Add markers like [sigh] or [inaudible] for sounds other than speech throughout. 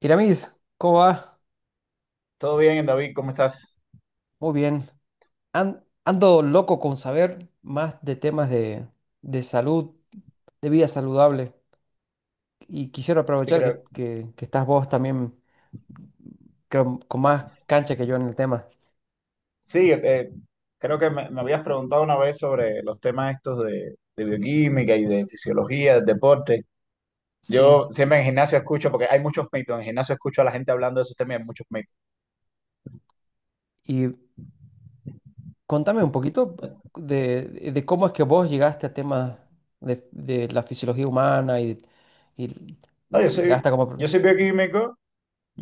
Iramis, ¿cómo va? Todo bien, David, ¿cómo estás? Muy bien. Ando loco con saber más de temas de salud, de vida saludable. Y quisiera Sí, aprovechar creo, que estás vos también, creo, con más cancha que yo en el tema. sí, creo que me habías preguntado una vez sobre los temas estos de bioquímica y de fisiología, del deporte. Sí. Yo siempre en gimnasio escucho, porque hay muchos mitos, en gimnasio escucho a la gente hablando de esos temas y hay muchos mitos. Y contame un poquito de, de cómo es que vos llegaste a temas de la fisiología humana y- No, y hasta como... yo soy bioquímico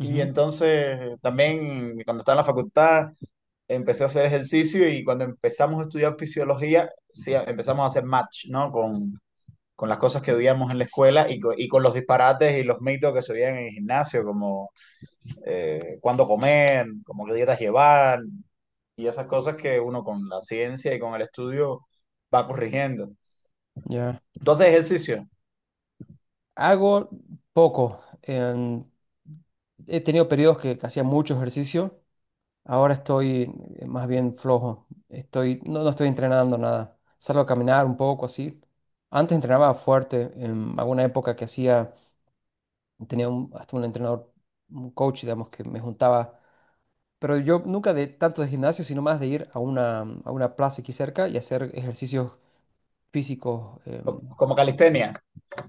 y entonces también cuando estaba en la facultad empecé a hacer ejercicio y cuando empezamos a estudiar fisiología, sí, empezamos a hacer match, ¿no? con las cosas que veíamos en la escuela y, y con los disparates y los mitos que se veían en el gimnasio, como cuándo comer, como qué dietas llevar y esas cosas que uno con la ciencia y con el estudio va corrigiendo. Ya. ¿Entonces ejercicio? Hago poco. He tenido periodos que hacía mucho ejercicio. Ahora estoy más bien flojo. Estoy, no estoy entrenando nada. Salgo a caminar un poco así. Antes entrenaba fuerte. En alguna época que hacía, hasta un entrenador, un coach, digamos, que me juntaba. Pero yo nunca de tanto de gimnasio, sino más de ir a a una plaza aquí cerca y hacer ejercicios físicos. Como calistenia,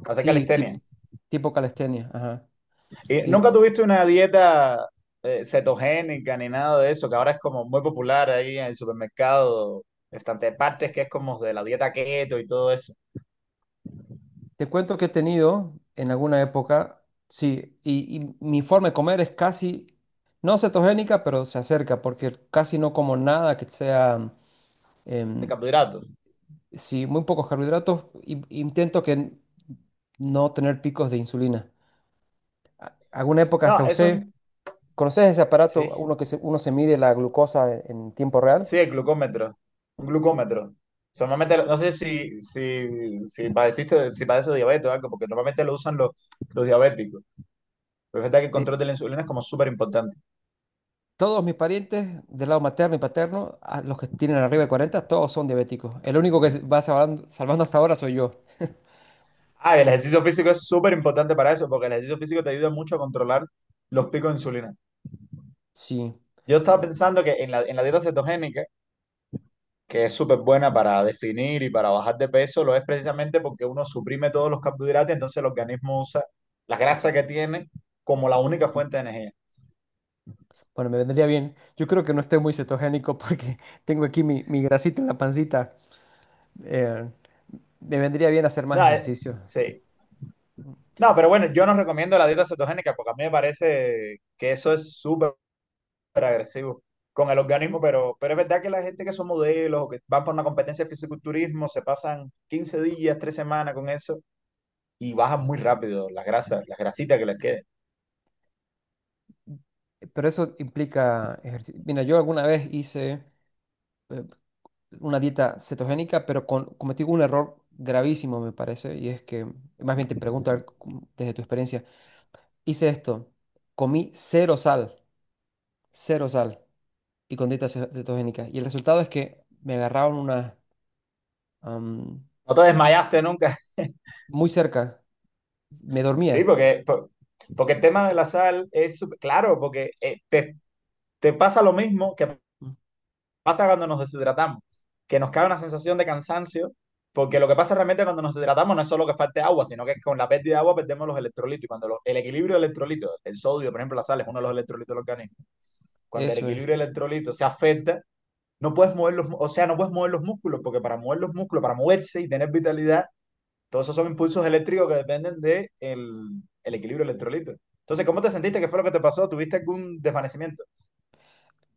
hacer Sí, calistenia. Tipo calistenia. Ajá. ¿Y Y nunca tuviste una dieta cetogénica ni nada de eso, que ahora es como muy popular ahí en el supermercado, bastante partes que es como de la dieta keto y todo eso, te cuento que he tenido en alguna época, sí, y mi forma de comer es casi, no cetogénica, pero se acerca, porque casi no como nada que sea, de em, carbohidratos? sí, muy pocos carbohidratos, y- intento que no tener picos de insulina. Alguna época hasta No, eso es... usé, ¿conoces ese aparato, Sí. Uno se mide la glucosa en tiempo real? Sí, el glucómetro. Un glucómetro. Normalmente, no sé si padeciste, si padeces diabetes o algo, porque normalmente lo usan los diabéticos. Pero es verdad que el eh, control de la insulina es como súper importante. Todos mis parientes del lado materno y paterno, a los que tienen arriba de 40, todos son diabéticos. El único que se va salvando, salvando hasta ahora soy yo. Ah, y el ejercicio físico es súper importante para eso, porque el ejercicio físico te ayuda mucho a controlar los picos de insulina. Sí. Yo estaba pensando que en en la dieta cetogénica, que es súper buena para definir y para bajar de peso, lo es precisamente porque uno suprime todos los carbohidratos, entonces el organismo usa la grasa que tiene como la única mm, fuente de energía. bueno, me vendría bien. Yo creo que no estoy muy cetogénico porque [laughs] tengo aquí mi grasita en la pancita. Eh, Me vendría bien hacer más No, eh, ejercicio. sí. No, pero bueno, yo no recomiendo la dieta cetogénica porque a mí me parece que eso es súper agresivo con el organismo, pero es verdad que la gente que son modelos o que van por una competencia de fisiculturismo se pasan 15 días, 3 semanas con eso y bajan muy rápido las grasas, las grasitas que les queden. Pero eso implica ejercicio. Mira, yo alguna vez hice eh, una dieta cetogénica, pero cometí un error gravísimo, me parece. Y es que, más bien te pregunto a ver desde tu experiencia, hice esto, comí cero sal, y con dieta cetogénica. Y el resultado es que me agarraron una, am, No te desmayaste nunca. [laughs] muy cerca, me Sí, dormía. porque, porque el tema de la sal es, súper- claro, porque te pasa lo mismo que pasa cuando nos deshidratamos, que nos cae una sensación de cansancio, porque lo que pasa realmente cuando nos deshidratamos no es solo que falte agua, sino que con la pérdida de agua perdemos los electrolitos. Y cuando el equilibrio de electrolitos, el sodio, por ejemplo, la sal es uno de los electrolitos del organismo, cuando el Eso es. equilibrio de electrolitos se afecta, no puedes mover los, o sea, no puedes mover los músculos, porque para mover los músculos, para moverse y tener vitalidad, todos esos son impulsos eléctricos que dependen de el equilibrio de electrolitos. Entonces, ¿cómo te sentiste? ¿Qué fue lo que te pasó? ¿Tuviste algún desvanecimiento?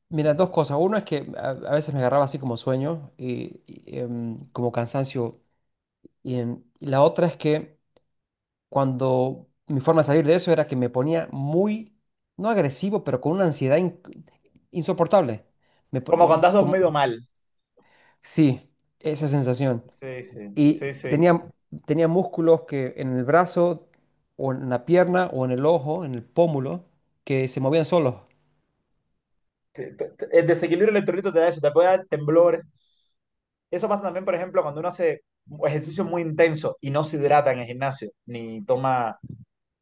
Mira, dos cosas. Uno es que a veces me agarraba así como sueño y como cansancio. Y y la otra es que cuando mi forma de salir de eso era que me ponía muy, no agresivo, pero con una ansiedad insoportable. Me, po- Como em, cuando has dormido como- mal. Sí, esa sensación. Sí, sí, Y sí, sí. tenía, tenía músculos que en el brazo o en la pierna o en el ojo, en el pómulo, que se movían solos. Sí, el desequilibrio electrolítico te da eso, te puede dar temblores. Eso pasa también, por ejemplo, cuando uno hace ejercicio muy intenso y no se hidrata en el gimnasio, ni toma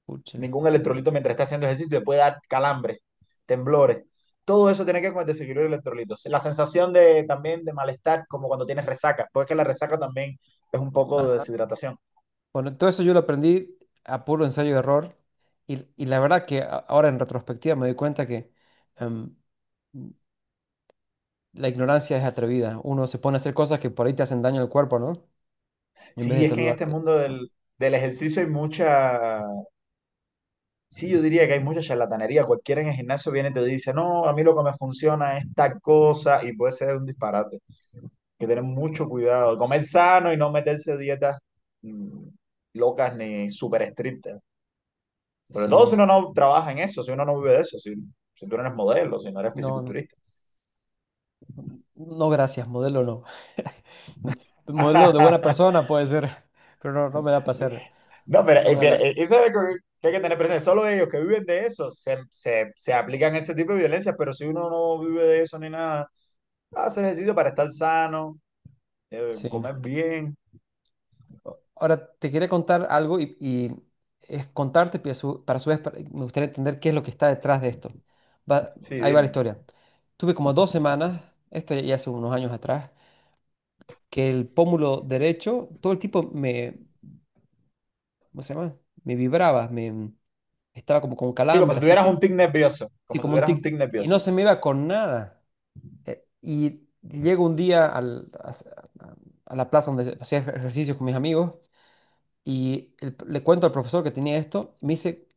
Pucha. ningún electrolito mientras está haciendo ejercicio, te puede dar calambres, temblores. Todo eso tiene que ver con el desequilibrio electrolítico. La sensación de, también de malestar, como cuando tienes resaca, porque la resaca también es un poco de deshidratación. Bueno, todo eso yo lo aprendí a puro ensayo y error. Y la verdad que ahora en retrospectiva me doy cuenta que em, la ignorancia es atrevida. Uno se pone a hacer cosas que por ahí te hacen daño al cuerpo, ¿no? En vez Sí, de es que en este saludarte. mundo Bueno, del ejercicio hay mucha, sí, yo diría que hay mucha charlatanería. Cualquiera en el gimnasio viene y te dice, no, a mí lo que me funciona es tal cosa y puede ser un disparate. Hay que tener mucho cuidado, comer sano y no meterse dietas mm, locas ni súper estrictas. Sobre sí, todo si uno no trabaja en eso, si uno no vive de eso, si, si tú no eres modelo, si no eres no, no. fisiculturista. No, gracias, modelo no. [laughs] Modelo de buena [laughs] persona puede ser, [laughs] pero no, no me da para Sí. hacer. No, No me da la... eso es algo que hay que tener presente. Solo ellos que viven de eso se aplican ese tipo de violencias, pero si uno no vive de eso ni nada, hacer ejercicio para estar sano, Sí. comer bien. Ahora te quería contar algo , y es contarte, pero para a su vez, me gustaría entender qué es lo que está detrás de esto. Sí, Ahí va la dime. historia. Tuve como dos semanas, esto ya hace unos años atrás, que el pómulo derecho, todo el tipo me, ¿cómo se llama? Me vibraba, me estaba como con Sí, como calambre, si tuvieras un tic nervioso. así Como si como un tuvieras un tic, tic y no nervioso. se me iba con nada. Y llego un día a la plaza donde hacía ejercicios con mis amigos y le cuento al profesor que tenía esto, y me dice: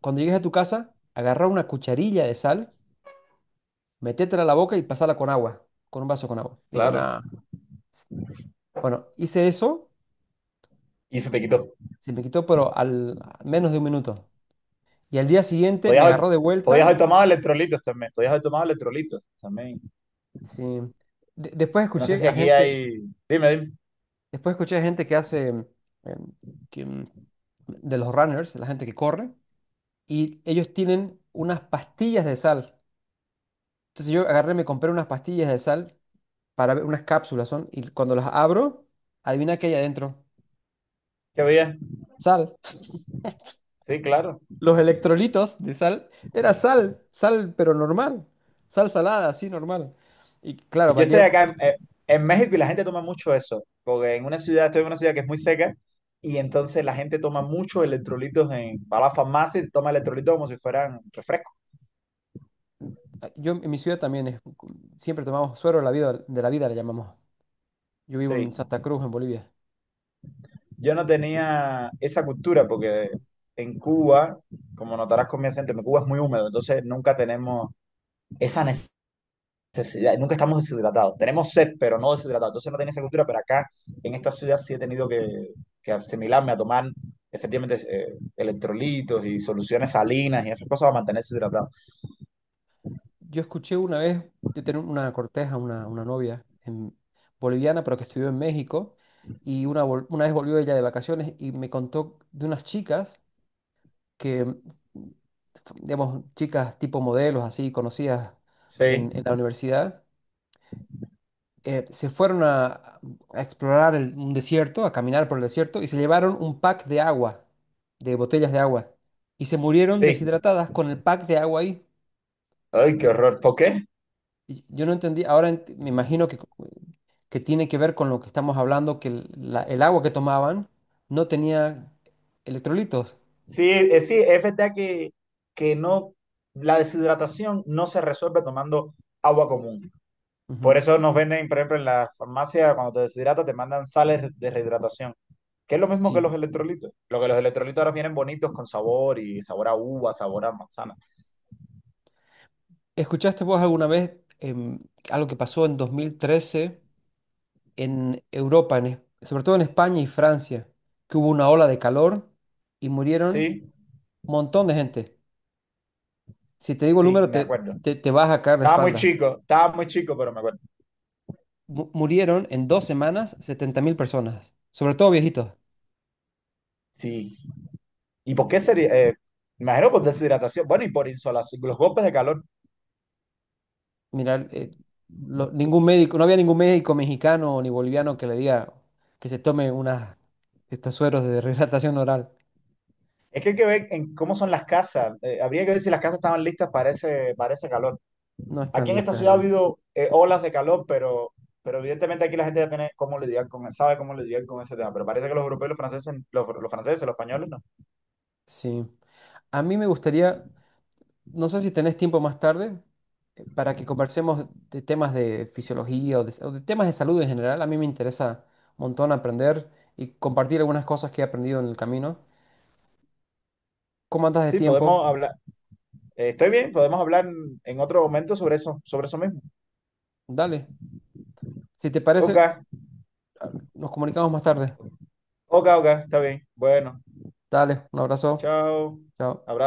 cuando llegues a tu casa, agarra una cucharilla de sal, métetela a la boca y pasala con agua, con un vaso con agua. Digo, Claro. nada. Bueno, hice eso, Y se te quitó. se me quitó, pero al a menos de un minuto. Y al día siguiente me Podías haber, agarró de podías vuelta. haber tomado electrolitos también. Podías haber tomado electrolitos también. Sí. Después Yo no sé escuché si a aquí gente, hay. Dime, dime. después escuché a gente que hace que, mm, de los runners, la gente que corre, y ellos tienen unas pastillas de sal. Entonces yo agarré, me compré unas pastillas de sal para ver, unas cápsulas son, y cuando las abro, adivina qué hay adentro. ¿Qué había? Sal. Sí, claro. Los electrolitos de sal era sal, sal pero normal, sal salada, así normal. Y claro, Yo valía. estoy acá en México y la gente toma mucho eso. Porque en una ciudad, estoy en una ciudad que es muy seca. Y entonces la gente toma muchos electrolitos en, va a la farmacia y toma electrolitos como si fueran refresco. Yo en mi ciudad también siempre tomamos suero de la vida le llamamos. Yo vivo en Sí, Santa Cruz, en Bolivia. yo no tenía esa cultura porque en Cuba, como notarás con mi acento, en Cuba es muy húmedo, entonces nunca tenemos esa necesidad, nunca estamos deshidratados. Tenemos sed, pero no deshidratados. Entonces no tenía esa cultura, pero acá en esta ciudad sí he tenido que asimilarme a tomar efectivamente electrolitos y soluciones salinas y esas cosas para mantenerse hidratado. Yo escuché una vez, yo tenía una corteja, una novia boliviana, pero que estudió en México, y una vez volvió ella de vacaciones y me contó de unas chicas que, mm, digamos, chicas tipo modelos, así conocidas Sí, en la universidad, se fueron a explorar un desierto, a caminar por el desierto, y se llevaron un pack de agua, de botellas de agua, y se murieron sí. deshidratadas con el pack de agua ahí. Ay, qué horror. ¿Por qué? Yo no entendí, ahora me imagino que tiene que ver con lo que estamos hablando, que el agua que tomaban no tenía electrolitos. Sí, sí, es verdad que no, la deshidratación no se resuelve tomando agua común. Por Ujú. eso nos venden, por ejemplo, en la farmacia, cuando te deshidratas, te mandan sales de rehidratación, que es lo mismo que Sí. los electrolitos. Lo que los electrolitos ahora vienen bonitos con sabor y sabor a uva, sabor a manzana. ¿Escuchaste vos alguna vez em, algo que pasó en 2013? En Europa, en sobre todo en España y Francia, que hubo una ola de calor y murieron Sí, un montón de gente. Si te digo el sí, número, me acuerdo. Te vas a caer de espalda. Estaba muy chico, pero me acuerdo. Murieron en dos semanas 70.000 personas, sobre todo viejitos. Sí. ¿Y por qué Y- sería? Me imagino por deshidratación. Bueno, y por insolación, los golpes de calor. Mira, ningún médico, no había ningún médico mexicano ni boliviano que le diga que se tome unas, estos sueros de [laughs] rehidratación oral. Es que hay que ver en cómo son las casas. Habría que ver si las casas estaban listas para ese calor. No están Aquí en esta listas ciudad ha allá. habido olas de calor, pero evidentemente aquí la gente ya tiene cómo lidiar con, sabe cómo lidiar con ese tema. Pero parece que los europeos, los franceses, los franceses, los españoles, no. Sí. A mí me gustaría, no sé si tenés tiempo más tarde, para que conversemos de temas de fisiología o de temas de salud en general. A mí me interesa un montón aprender y compartir algunas cosas que he aprendido en el camino. ¿Cómo andas de Sí, tiempo? podemos hablar. Estoy bien, podemos hablar en otro momento sobre eso mismo. Dale. Si te Ok, parece, nos comunicamos más tarde. Ok, está bien. Bueno, Dale, un abrazo. chao. Chao. Abrazo.